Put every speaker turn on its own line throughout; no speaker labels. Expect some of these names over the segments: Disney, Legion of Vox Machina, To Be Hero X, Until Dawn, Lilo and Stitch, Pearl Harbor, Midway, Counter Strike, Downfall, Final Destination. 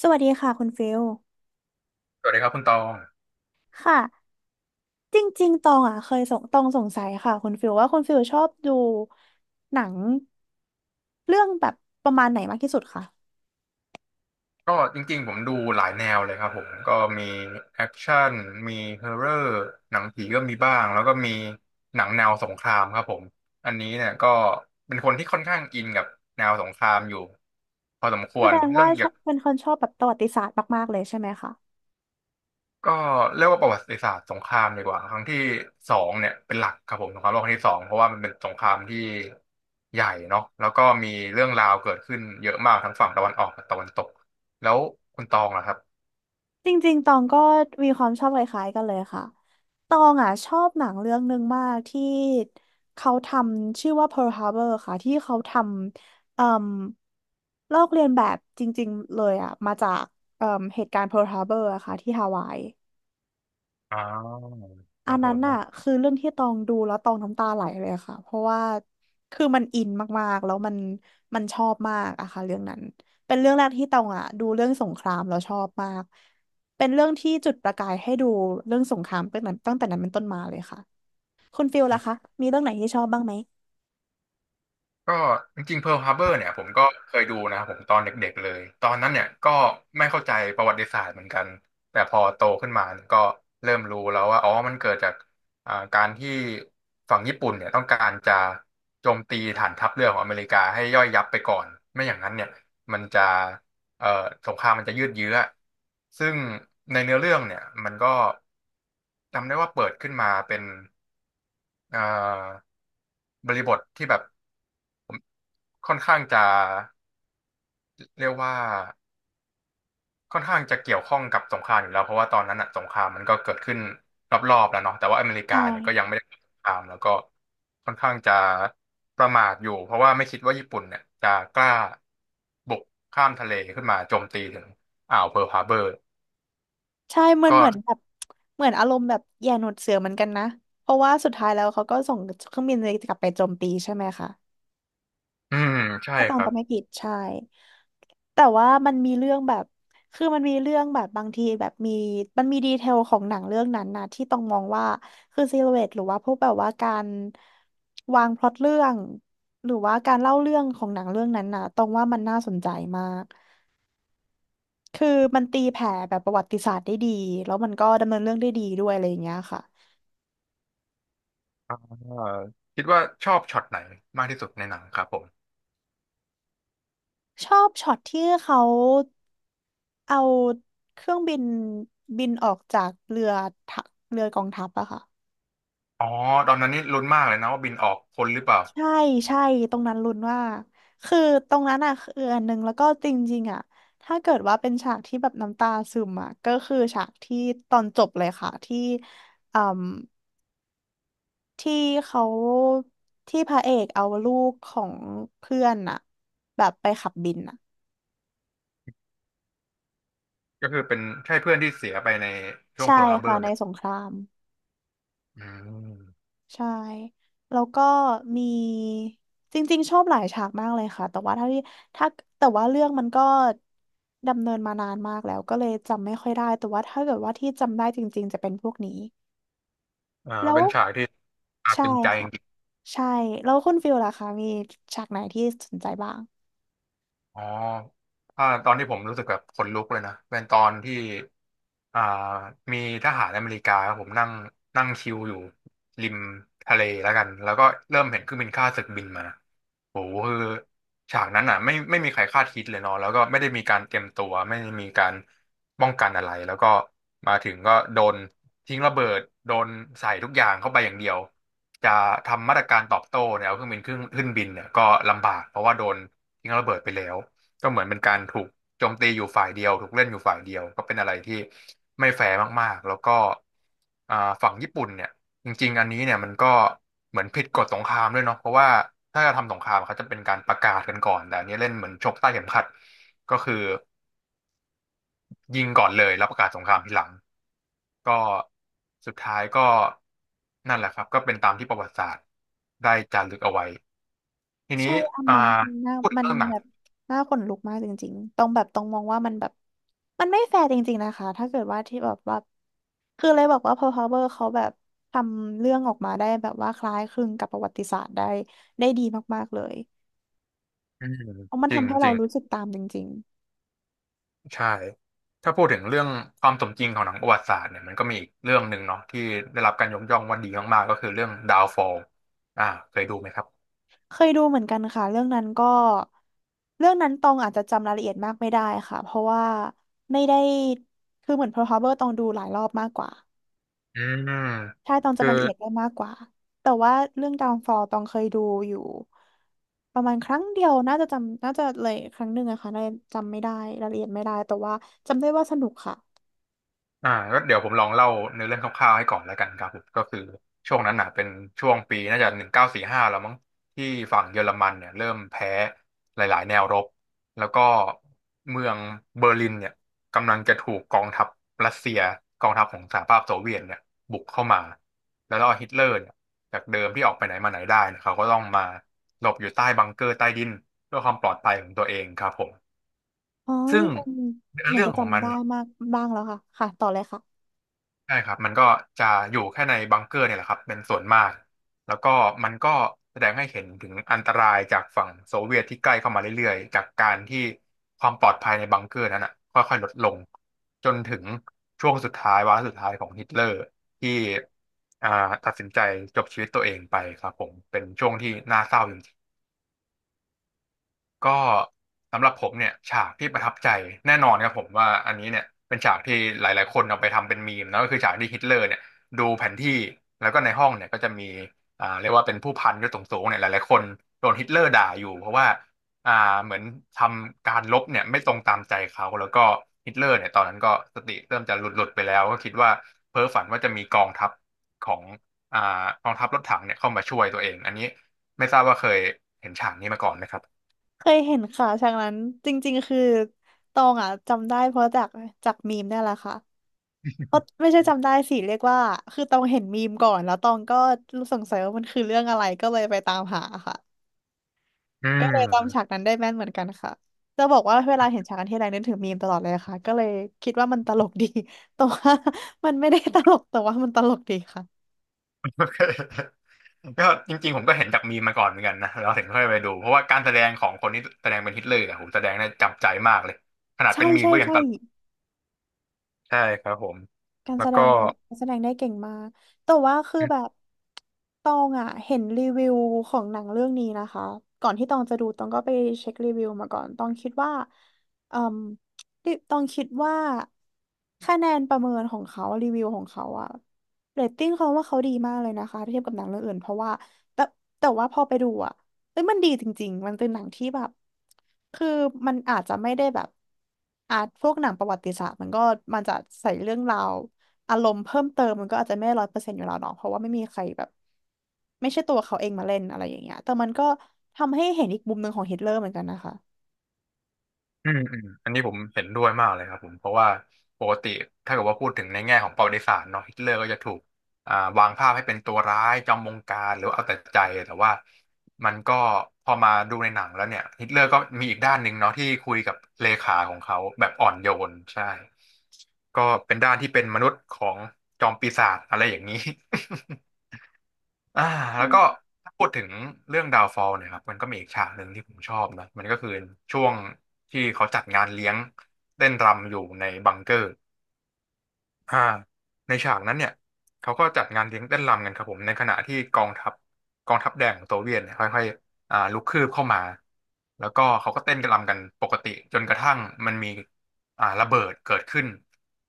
สวัสดีค่ะคุณฟิล
สวัสดีครับคุณตอง
ค่ะ จริงๆตองอ่ะเคยสงตองสงสัยค่ะคุณฟิลว่าคุณฟิลชอบดูหนังเรื่องแบบประมาณไหนมากที่สุดคะ
ก็จริงๆผมดูหลายแนวเลยครับผมก็มีแอคชั่นมีฮอร์เรอร์หนังผีก็มีบ้างแล้วก็มีหนังแนวสงครามครับผมอันนี้เนี่ยก็เป็นคนที่ค่อนข้างอินกับแนวสงครามอยู่พอสมค
แส
วร
ดง
เรื่
ว่า
องอ
ช
ยา
อ
ก
บเป็นคนชอบแบบประวัติศาสตร์มากๆเลยใช่ไหมคะ
ก็เรียกว่าประวัติศาสตร์สงครามดีกว่าครั้งที่สองเนี่ยเป็นหลักครับผมสงครามโลกครั้งที่สองเพราะว่ามันเป็นสงครามที่ใหญ่เนาะแล้วก็มีเรื่องราวเกิดขึ้นเยอะมากทั้งฝั่งตะวันออกกับตะวันตกแล้วคุณตองล่ะครับ
จริงๆตองก็มีความชอบคล้ายๆกันเลยค่ะตองอ่ะชอบหนังเรื่องหนึ่งมากที่เขาทำชื่อว่า Pearl Harbor ค่ะที่เขาทำเอ่มลอกเลียนแบบจริงๆเลยอ่ะมาจากเอ่มเหตุการณ์ Pearl Harbor อะค่ะที่ฮาวาย
อ๋อค
อั
รั
น
บผ
นั้น
ม
น่ะคือเรื่องที่ตองดูแล้วตองน้ำตาไหลเลยค่ะเพราะว่าคือมันอินมากๆแล้วมันชอบมากอะค่ะเรื่องนั้นเป็นเรื่องแรกที่ตองอะดูเรื่องสงครามแล้วชอบมากเป็นเรื่องที่จุดประกายให้ดูเรื่องสงครามตั้งแต่นั้นเป็นต้นมาเลยค่ะคุณฟิลล่ะคะมีเรื่องไหนที่ชอบบ้างไหม
ก็จริงๆ Pearl Harbor เนี่ยผมก็เคยดูนะครับผมตอนเด็กๆเลยตอนนั้นเนี่ยก็ไม่เข้าใจประวัติศาสตร์เหมือนกันแต่พอโตขึ้นมาเนี่ยก็เริ่มรู้แล้วว่าอ๋อมันเกิดจากการที่ฝั่งญี่ปุ่นเนี่ยต้องการจะโจมตีฐานทัพเรือของอเมริกาให้ย่อยยับไปก่อนไม่อย่างนั้นเนี่ยมันจะเอ่อสงครามมันจะยืดเยื้อซึ่งในเนื้อเรื่องเนี่ยมันก็จำได้ว่าเปิดขึ้นมาเป็นเอ่อ บริบทที่แบบผมค่อนข้างจะเรียกว่าค่อนข้างจะเกี่ยวข้องกับสงครามอยู่แล้วเพราะว่าตอนนั้นอะสงครามมันก็เกิดขึ้นรอบๆแล้วเนาะแต่ว่าอเมริกา
ใช่
เนี่ยก็ยังไม่ได้เกิดสงครามแล้วก็ค่อนข้างจะประมาทอยู่เพราะว่าไม่คิดว่าญี่ปุ่นเนี่ยจะกล้าบุกข้ามทะเลขึ้นมาโจมตีถึงอ่าวเพิร์ลฮาร์เบอร์
ใช่เหมือน
ก็
เหมือนแบบเหมือนอารมณ์แบบแย่หนวดเสือเหมือนกันนะเพราะว่าสุดท้ายแล้วเขาก็ส่งเครื่องบินกลับไปโจมตีใช่ไหมคะ
อืมใช่
ถ้าตอ
ค
ง
รับ
จำไม่ผิดใช่แต่ว่ามันมีเรื่องแบบคือมันมีเรื่องแบบบางทีแบบมี มันมีดีเทลของหนังเรื่องนั้นนะที่ต้องมองว่าคือซิลูเอตหรือว่าพวกแบบว่าการวางพล็อตเรื่อง หรือว่าการเล่าเรื่องของหนังเรื่องนั้นนะตองว่ามันน่าสนใจมาก คือมันตีแผ่แบบประวัติศาสตร์ได้ดีแล้วมันก็ดำเนินเรื่องได้ดีด้วยอะไรอย่างเงี้ยค่ะ
เอ่อคิดว่าชอบช็อตไหนมากที่สุดในหนังครับผม
ชอบช็อตที่เขาเอาเครื่องบินบินออกจากเรือทะเรือกองทัพอะค่ะ
อ๋อตอนนั้นนี่ลุ้นมากเลยนะว่าบินออกพ้นหรือเปล่า
ใช่ใช่ตรงนั้นลุ้นว่าคือตรงนั้นอะคืออันหนึ่งแล้วก็จริงๆอะถ้าเกิดว่าเป็นฉากที่แบบน้ำตาซึมอะก็คือฉากที่ตอนจบเลยค่ะที่อืมที่เขาที่พระเอกเอาลูกของเพื่อนอะแบบไปขับบินอะ
ก็คือเป็นใช่เพื่อนที่เสียไปในช่วง
ใช่
เพิร์ลฮาร์เบอ
ค่ะ
ร์ไห
ใน
ม
สงคราม
อืม
ใช่แล้วก็มีจริงๆชอบหลายฉากมากเลยค่ะแต่ว่าถ้าแต่ว่าเรื่องมันก็ดำเนินมานานมากแล้วก็เลยจำไม่ค่อยได้แต่ว่าถ้าเกิดว่าที่จำได้จริงๆจะเป็นพวกนี้แล้ว
เป็นฉากที่อาจ
ใช่
ตึงใจ
ค่ะใช่แล้วคุณฟิลล่ะคะมีฉากไหนที่สนใจบ้าง
อ๋อตอนที่ผมรู้สึกแบบขนลุกเลยนะเป็นตอนที่อ่ามีทหารอเมริกาครับผมนั่งนั่งชิลอยู่ริมทะเลแล้วกันแล้วก็เริ่มเห็นเครื่องบินข้าศึกบินมาโหคือฉากนั้นอ่ะไม่มีใครคาดคิดเลยเนาะแล้วก็ไม่ได้มีการเตรียมตัวไม่ได้มีการป้องกันอะไรแล้วก็มาถึงก็โดนทิ้งระเบิดโดนใส่ทุกอย่างเข้าไปอย่างเดียวจะทำมาตรการตอบโต้เนี่ยเอาเครื่องบินขึ้นบินเนี่ยก็ลำบากเพราะว่าโดน ทิ้งระเบิดไปแล้วก็เหมือนเป็นการถูกโจมตีอยู่ฝ่ายเดียวถูกเล่นอยู่ฝ่ายเดียวก็เป็นอะไรที่ไม่แฟร์มากๆแล้วก็อ่าฝั่งญี่ปุ่นเนี่ยจริงๆอันนี้เนี่ยมันก็เหมือนผิดกฎสงครามด้วยเนาะเพราะว่าถ้าจะทำสงครามเขาจะเป็นการประกาศกันก่อนแต่อันนี้เล่นเหมือนชกใต้เข็มขัดก็คือยิงก่อนเลยแล้วประกาศสงครามทีหลังก็สุดท้ายก็นั่นแหละครับก็เป็นตามที่ประวัติศาสตร์ได้จารึกเอาไว้ทีนี้
ใช่อัน
อ่า
นั้นคือหน้า
พูดถึ
มั
ง
น
เรื่องหนัง
แบบน่าขนลุกมากจริงๆตรงแบบตรงมองว่ามันแบบมันไม่แฟร์จริงๆนะคะ ถ้าเกิดว่าที่แบบว่าคือเลยบอกว่า Pearl Harbor เขาแบบทำเรื่องออกมาได้แบบว่าคล้ายคลึงกับประวัติศาสตร์ได้ดีมากๆเลย
อืม
เพราะมัน
จร
ทำให้เรา
ิง
รู้สึ
ๆ
กตามจริง
ใช่ ถ้าพูดถึงเรื่องความสมจริงของหนังประวัติศาสตร์เนี่ยมันก็มีอีกเรื่องหนึ่งเนาะที่ได้รับการยกย่องว่าดีมากๆก็คือเรื่อง Downfall อ่าเคยดูไหมครับ
ๆ เคยดูเหมือนกันค่ะเรื่องนั้นก็เรื่องนั้นตองอาจจะจำรายละเอียดมากไม่ได้ค่ะเพราะว่าไม่ได้คือเหมือน Pearl Harbor ตองดูหลายรอบมากกว่า
อืม
ใช่ตอง
คื
จำ
อ
รายละเอียดได้มากกว่าแต่ว่าเรื่อง Downfall ตองเคยดูอยู่ประมาณครั้งเดียวน่าจะจำน่าจะเลยครั้งหนึ่งอะค่ะน่าจะจำไม่ได้รายละเอียดไม่ได้แต่ว่าจำได้ว่าสนุกค่ะ
ก็เดี๋ยวผมลองเล่าเนื้อเรื่องคร่าวๆให้ก่อนแล้วกันครับผมก็คือช่วงนั้นน่ะเป็นช่วงปีน่าจะ1945แล้วมั้งที่ฝั่งเยอรมันเนี่ยเริ่มแพ้หลายๆแนวรบแล้วก็เมืองเบอร์ลินเนี่ยกำลังจะถูกกองทัพรัสเซียกองทัพของสหภาพโซเวียตเนี่ยบุกเข้ามาแล้วก็ฮิตเลอร์เนี่ยจากเดิมที่ออกไปไหนมาไหนได้เนยเขาก็ต้องมาหลบอยู่ใต้บังเกอร์ใต้ดินเพื่อความปลอดภัยของตัวเองครับผม
อ๋อ
ซึ่ง
ตอง
เนื้อ
เหมือน
เรื่อง
จะ
ของมั
จำ
น
ได้มากบ้างแล้วค่ะค่ะต่อเลยค่ะ
ใช่ครับมันก็จะอยู่แค่ในบังเกอร์เนี่ยแหละครับเป็นส่วนมากแล้วก็มันก็แสดงให้เห็นถึงอันตรายจากฝั่งโซเวียตที่ใกล้เข้ามาเรื่อยๆจากการที่ความปลอดภัยในบังเกอร์นั้นอ่ะค่อยๆลดลงจนถึงช่วงสุดท้ายวาระสุดท้ายของฮิตเลอร์ที่อ่าตัดสินใจจบชีวิตตัวเองไปครับผมเป็นช่วงที่น่าเศร้าจริงๆ ก็สำหรับผมเนี่ยฉากที่ประทับใจแน่นอนครับผมว่าอันนี้เนี่ยเป็นฉากที่หลายๆคนเอาไปทำเป็นมีมนะก็คือฉากที่ฮิตเลอร์เนี่ยดูแผนที่แล้วก็ในห้องเนี่ยก็จะมีเรียกว่าเป็นผู้พันยศสูงๆเนี่ยหลายๆคนโดนฮิตเลอร์ด่าอยู่เพราะว่าอ่าเหมือนทำการรบเนี่ยไม่ตรงตามใจเขาแล้วก็ฮิตเลอร์เนี่ยตอนนั้นก็สติเริ่มจะหลุดๆไปแล้วก็คิดว่าเพ้อฝันว่าจะมีกองทัพของอ่ากองทัพรถถังเนี่ยเข้ามาช่วยตัวเองอันนี้ไม่ทราบว่าเคยเห็นฉากนี้มาก่อนไหมครับ
เคยเห็นค่ะฉากนั้นจริงๆคือตองอะจำได้เพราะจากมีมเนี่ยแหละค่ะเพราะไม่ใช่จำได้สิเรียกว่าคือตองเห็นมีมก่อนแล้วตองก็รู้สงสัยว่ามันคือเรื่องอะไรก็เลยไปตามหาค่ะ
อื
ก็เลยจำฉา
ม
กนั้นได้แม่นเหมือนกันค่ะ จะบอกว่าเวลาเห็นฉากนันที่ไรนึกถึงมีมตลอดเลยค่ะ ก็เลยคิดว่ามันตลกดี แต่ว่า มันไม่ได้ตลกแต่ว่ามันตลกดีค่ะ
โอเคก็จริงๆผมก็เห็นจากมีมมาก่อนเหมือนกันนะเราถึงค่อยไปดูเพราะว่าการแสดงของคนที่แสดงเป็นฮิตเลอร์เนี่ยโหแสดงได้จับใจมากเลยขนาด
ใช่
เป็นมีม
ใช่
ก็ยัง
ใช่
ตลกใช่ครับผม
การ
แล้
แส
ว
ด
ก็
งเขาการแสดงได้เก่งมากแต่ว่าคือแบบตองอ่ะเห็นรีวิวของหนังเรื่องนี้นะคะก่อนที่ตองจะดูตองก็ไปเช็ครีวิวมาก่อนตองคิดว่าเอ่มดิตองคิดว่าคะแนนประเมินของเขารีวิวของเขาอะเรตติ้งเขาว่าเขาดีมากเลยนะคะถ้าเทียบกับหนังเรื่องอื่นเพราะว่าแต่แต่ว่าพอไปดูอะ เอ้ยมันดีจริงๆ มันเป็นหนังที่แบบ คือมันอาจจะไม่ได้แบบอ่ะพวกหนังประวัติศาสตร์มันก็มันจะใส่เรื่องราวอารมณ์เพิ่มเติมมันก็อาจจะไม่100%อยู่แล้วเนาะเพราะว่าไม่มีใครแบบไม่ใช่ตัวเขาเองมาเล่นอะไรอย่างเงี้ยแต่มันก็ทำให้เห็นอีกมุมหนึ่งของฮิตเลอร์เหมือนกันนะคะ
อืมอืมอันนี้ผมเห็นด้วยมากเลยครับผมเพราะว่าปกติถ้าเกิดว่าพูดถึงในแง่ของประวัติศาสตร์เนาะฮิตเลอร์ก็จะถูกอ่าวางภาพให้เป็นตัวร้ายจอมบงการหรือว่าเอาแต่ใจแต่ว่ามันก็พอมาดูในหนังแล้วเนี่ยฮิตเลอร์ก็มีอีกด้านหนึ่งเนาะที่คุยกับเลขาของเขาแบบอ่อนโยนใช่ก็เป็นด้านที่เป็นมนุษย์ของจอมปีศาจอะไรอย่างนี้ อ่า
อื
แล้วก็
ม
ถ้าพูดถึงเรื่องดาวฟอลเนี่ยครับมันก็มีอีกฉากหนึ่งที่ผมชอบนะมันก็คือช่วงที่เขาจัดงานเลี้ยงเต้นรำอยู่ในบังเกอร์ อ่าในฉากนั้นเนี่ยเขาก็จัดงานเลี้ยงเต้นรำกันครับผมในขณะที่กองทัพกองทัพแดงของโซเวียตเนี่ยค่อยๆลุกคืบเข้ามาแล้วก็เขาก็เต้นกันรำกันปกติจนกระทั่งมันมีระเบิดเกิดขึ้น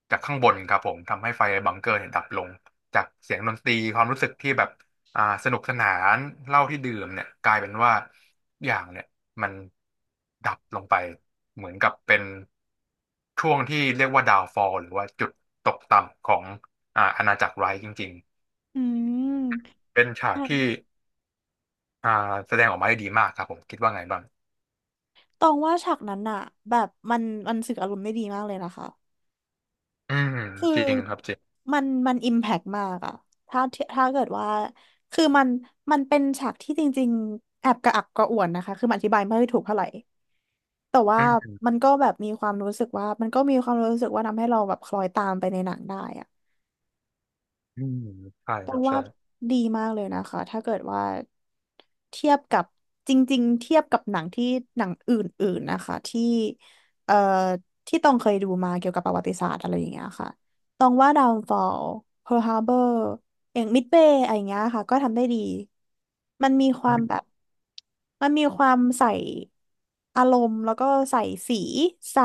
จากข้างบนครับผมทำให้ไฟในบังเกอร์เนี่ยดับลงจากเสียงดนตรีความรู้สึกที่แบบสนุกสนานเหล้าที่ดื่มเนี่ยกลายเป็นว่า อย่างเนี่ยมันดับลงไปเหมือนกับเป็นช่วงที่เรียกว่าดาวฟอลหรือว่าจุดตกต่ำของอาณาจักรไรท์จริง
อืม
ๆเป็นฉาก
อัน
ที่อ่าแสดงออกมาได้ดีมากครับผมคิดว่าไงบ้าง
ตองว่าฉากนั้นอะแบบมันสื่ออารมณ์ได้ดีมากเลยนะคะ
อืม
คื
จริ
อ
งครับจริง
มันอิมแพกมากอะถ้าถ้าเกิดว่าคือมันมันเป็นฉากที่จริงๆแอบกระอักกระอ่วนนะคะ คือมันอธิบายไม่ถูกเท่าไหร่ แต่ว่า
อืม
มันก็แบบมีความรู้สึกว่ามันก็มีความรู้สึกว่าทำให้เราแบบคล้อยตามไปในหนังได้อะ
อืมใช่
ต้
ค
อ
รั
ง
บ
ว่า
ใช่
ดีมากเลยนะคะถ้าเกิดว่าเทียบกับจริงๆเทียบกับหนังที่หนังอื่นๆนะคะที่เอ่อที่ต้องเคยดูมาเกี่ยวกับประวัติศาสตร์อะไรอย่างเงี้ยค่ะต้องว่า Downfall Pearl Harbor อย่าง Midway อะไรอย่างเงี้ยค่ะก็ทำได้ดีมันมีค
อื
วามแบ
ม
บมันมีความใส่อารมณ์แล้วก็ใส่สีใส่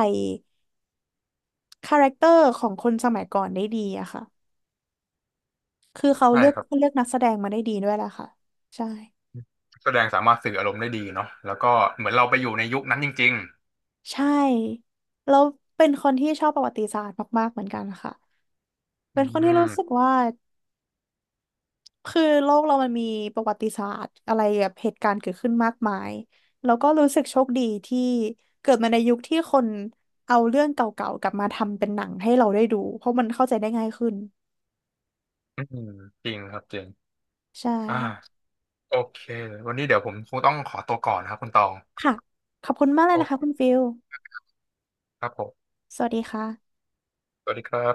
คาแรคเตอร์ของคนสมัยก่อนได้ดีอะค่ะ คือเขา
ใช่
เลือก
ครับ
เลือกนักแสดงมาได้ดีด้วยแหละค่ะใช่
แสดงสามารถสื่ออารมณ์ได้ดีเนาะแล้วก็เหมือนเราไปอยู่ในยุคนั้นจริง
ใช่แล้วเป็นคนที่ชอบประวัติศาสตร์มากๆเหมือนกันค่ะ
ๆอื
เป็นคน
ม
ที่รู้สึกว่าคือโลกเรามันมีประวัติศาสตร์อะไรแบบเหตุการณ์เกิดขึ้นมากมายแล้วก็รู้สึกโชคดีที่เกิดมาในยุคที่คนเอาเรื่องเก่าๆกลับมาทำเป็นหนังให้เราได้ดูเพราะมันเข้าใจได้ง่ายขึ้น
อืมจริงครับจริง
ใช
อ่า
่
โอเควันนี้เดี๋ยวผมคงต้องขอตัวก่อนนะครับคุณตอง
ค่ะขอบคุณมากเลยนะคะคุณฟิล
ครับผม
สวัสดีค่ะ
สวัสดีครับ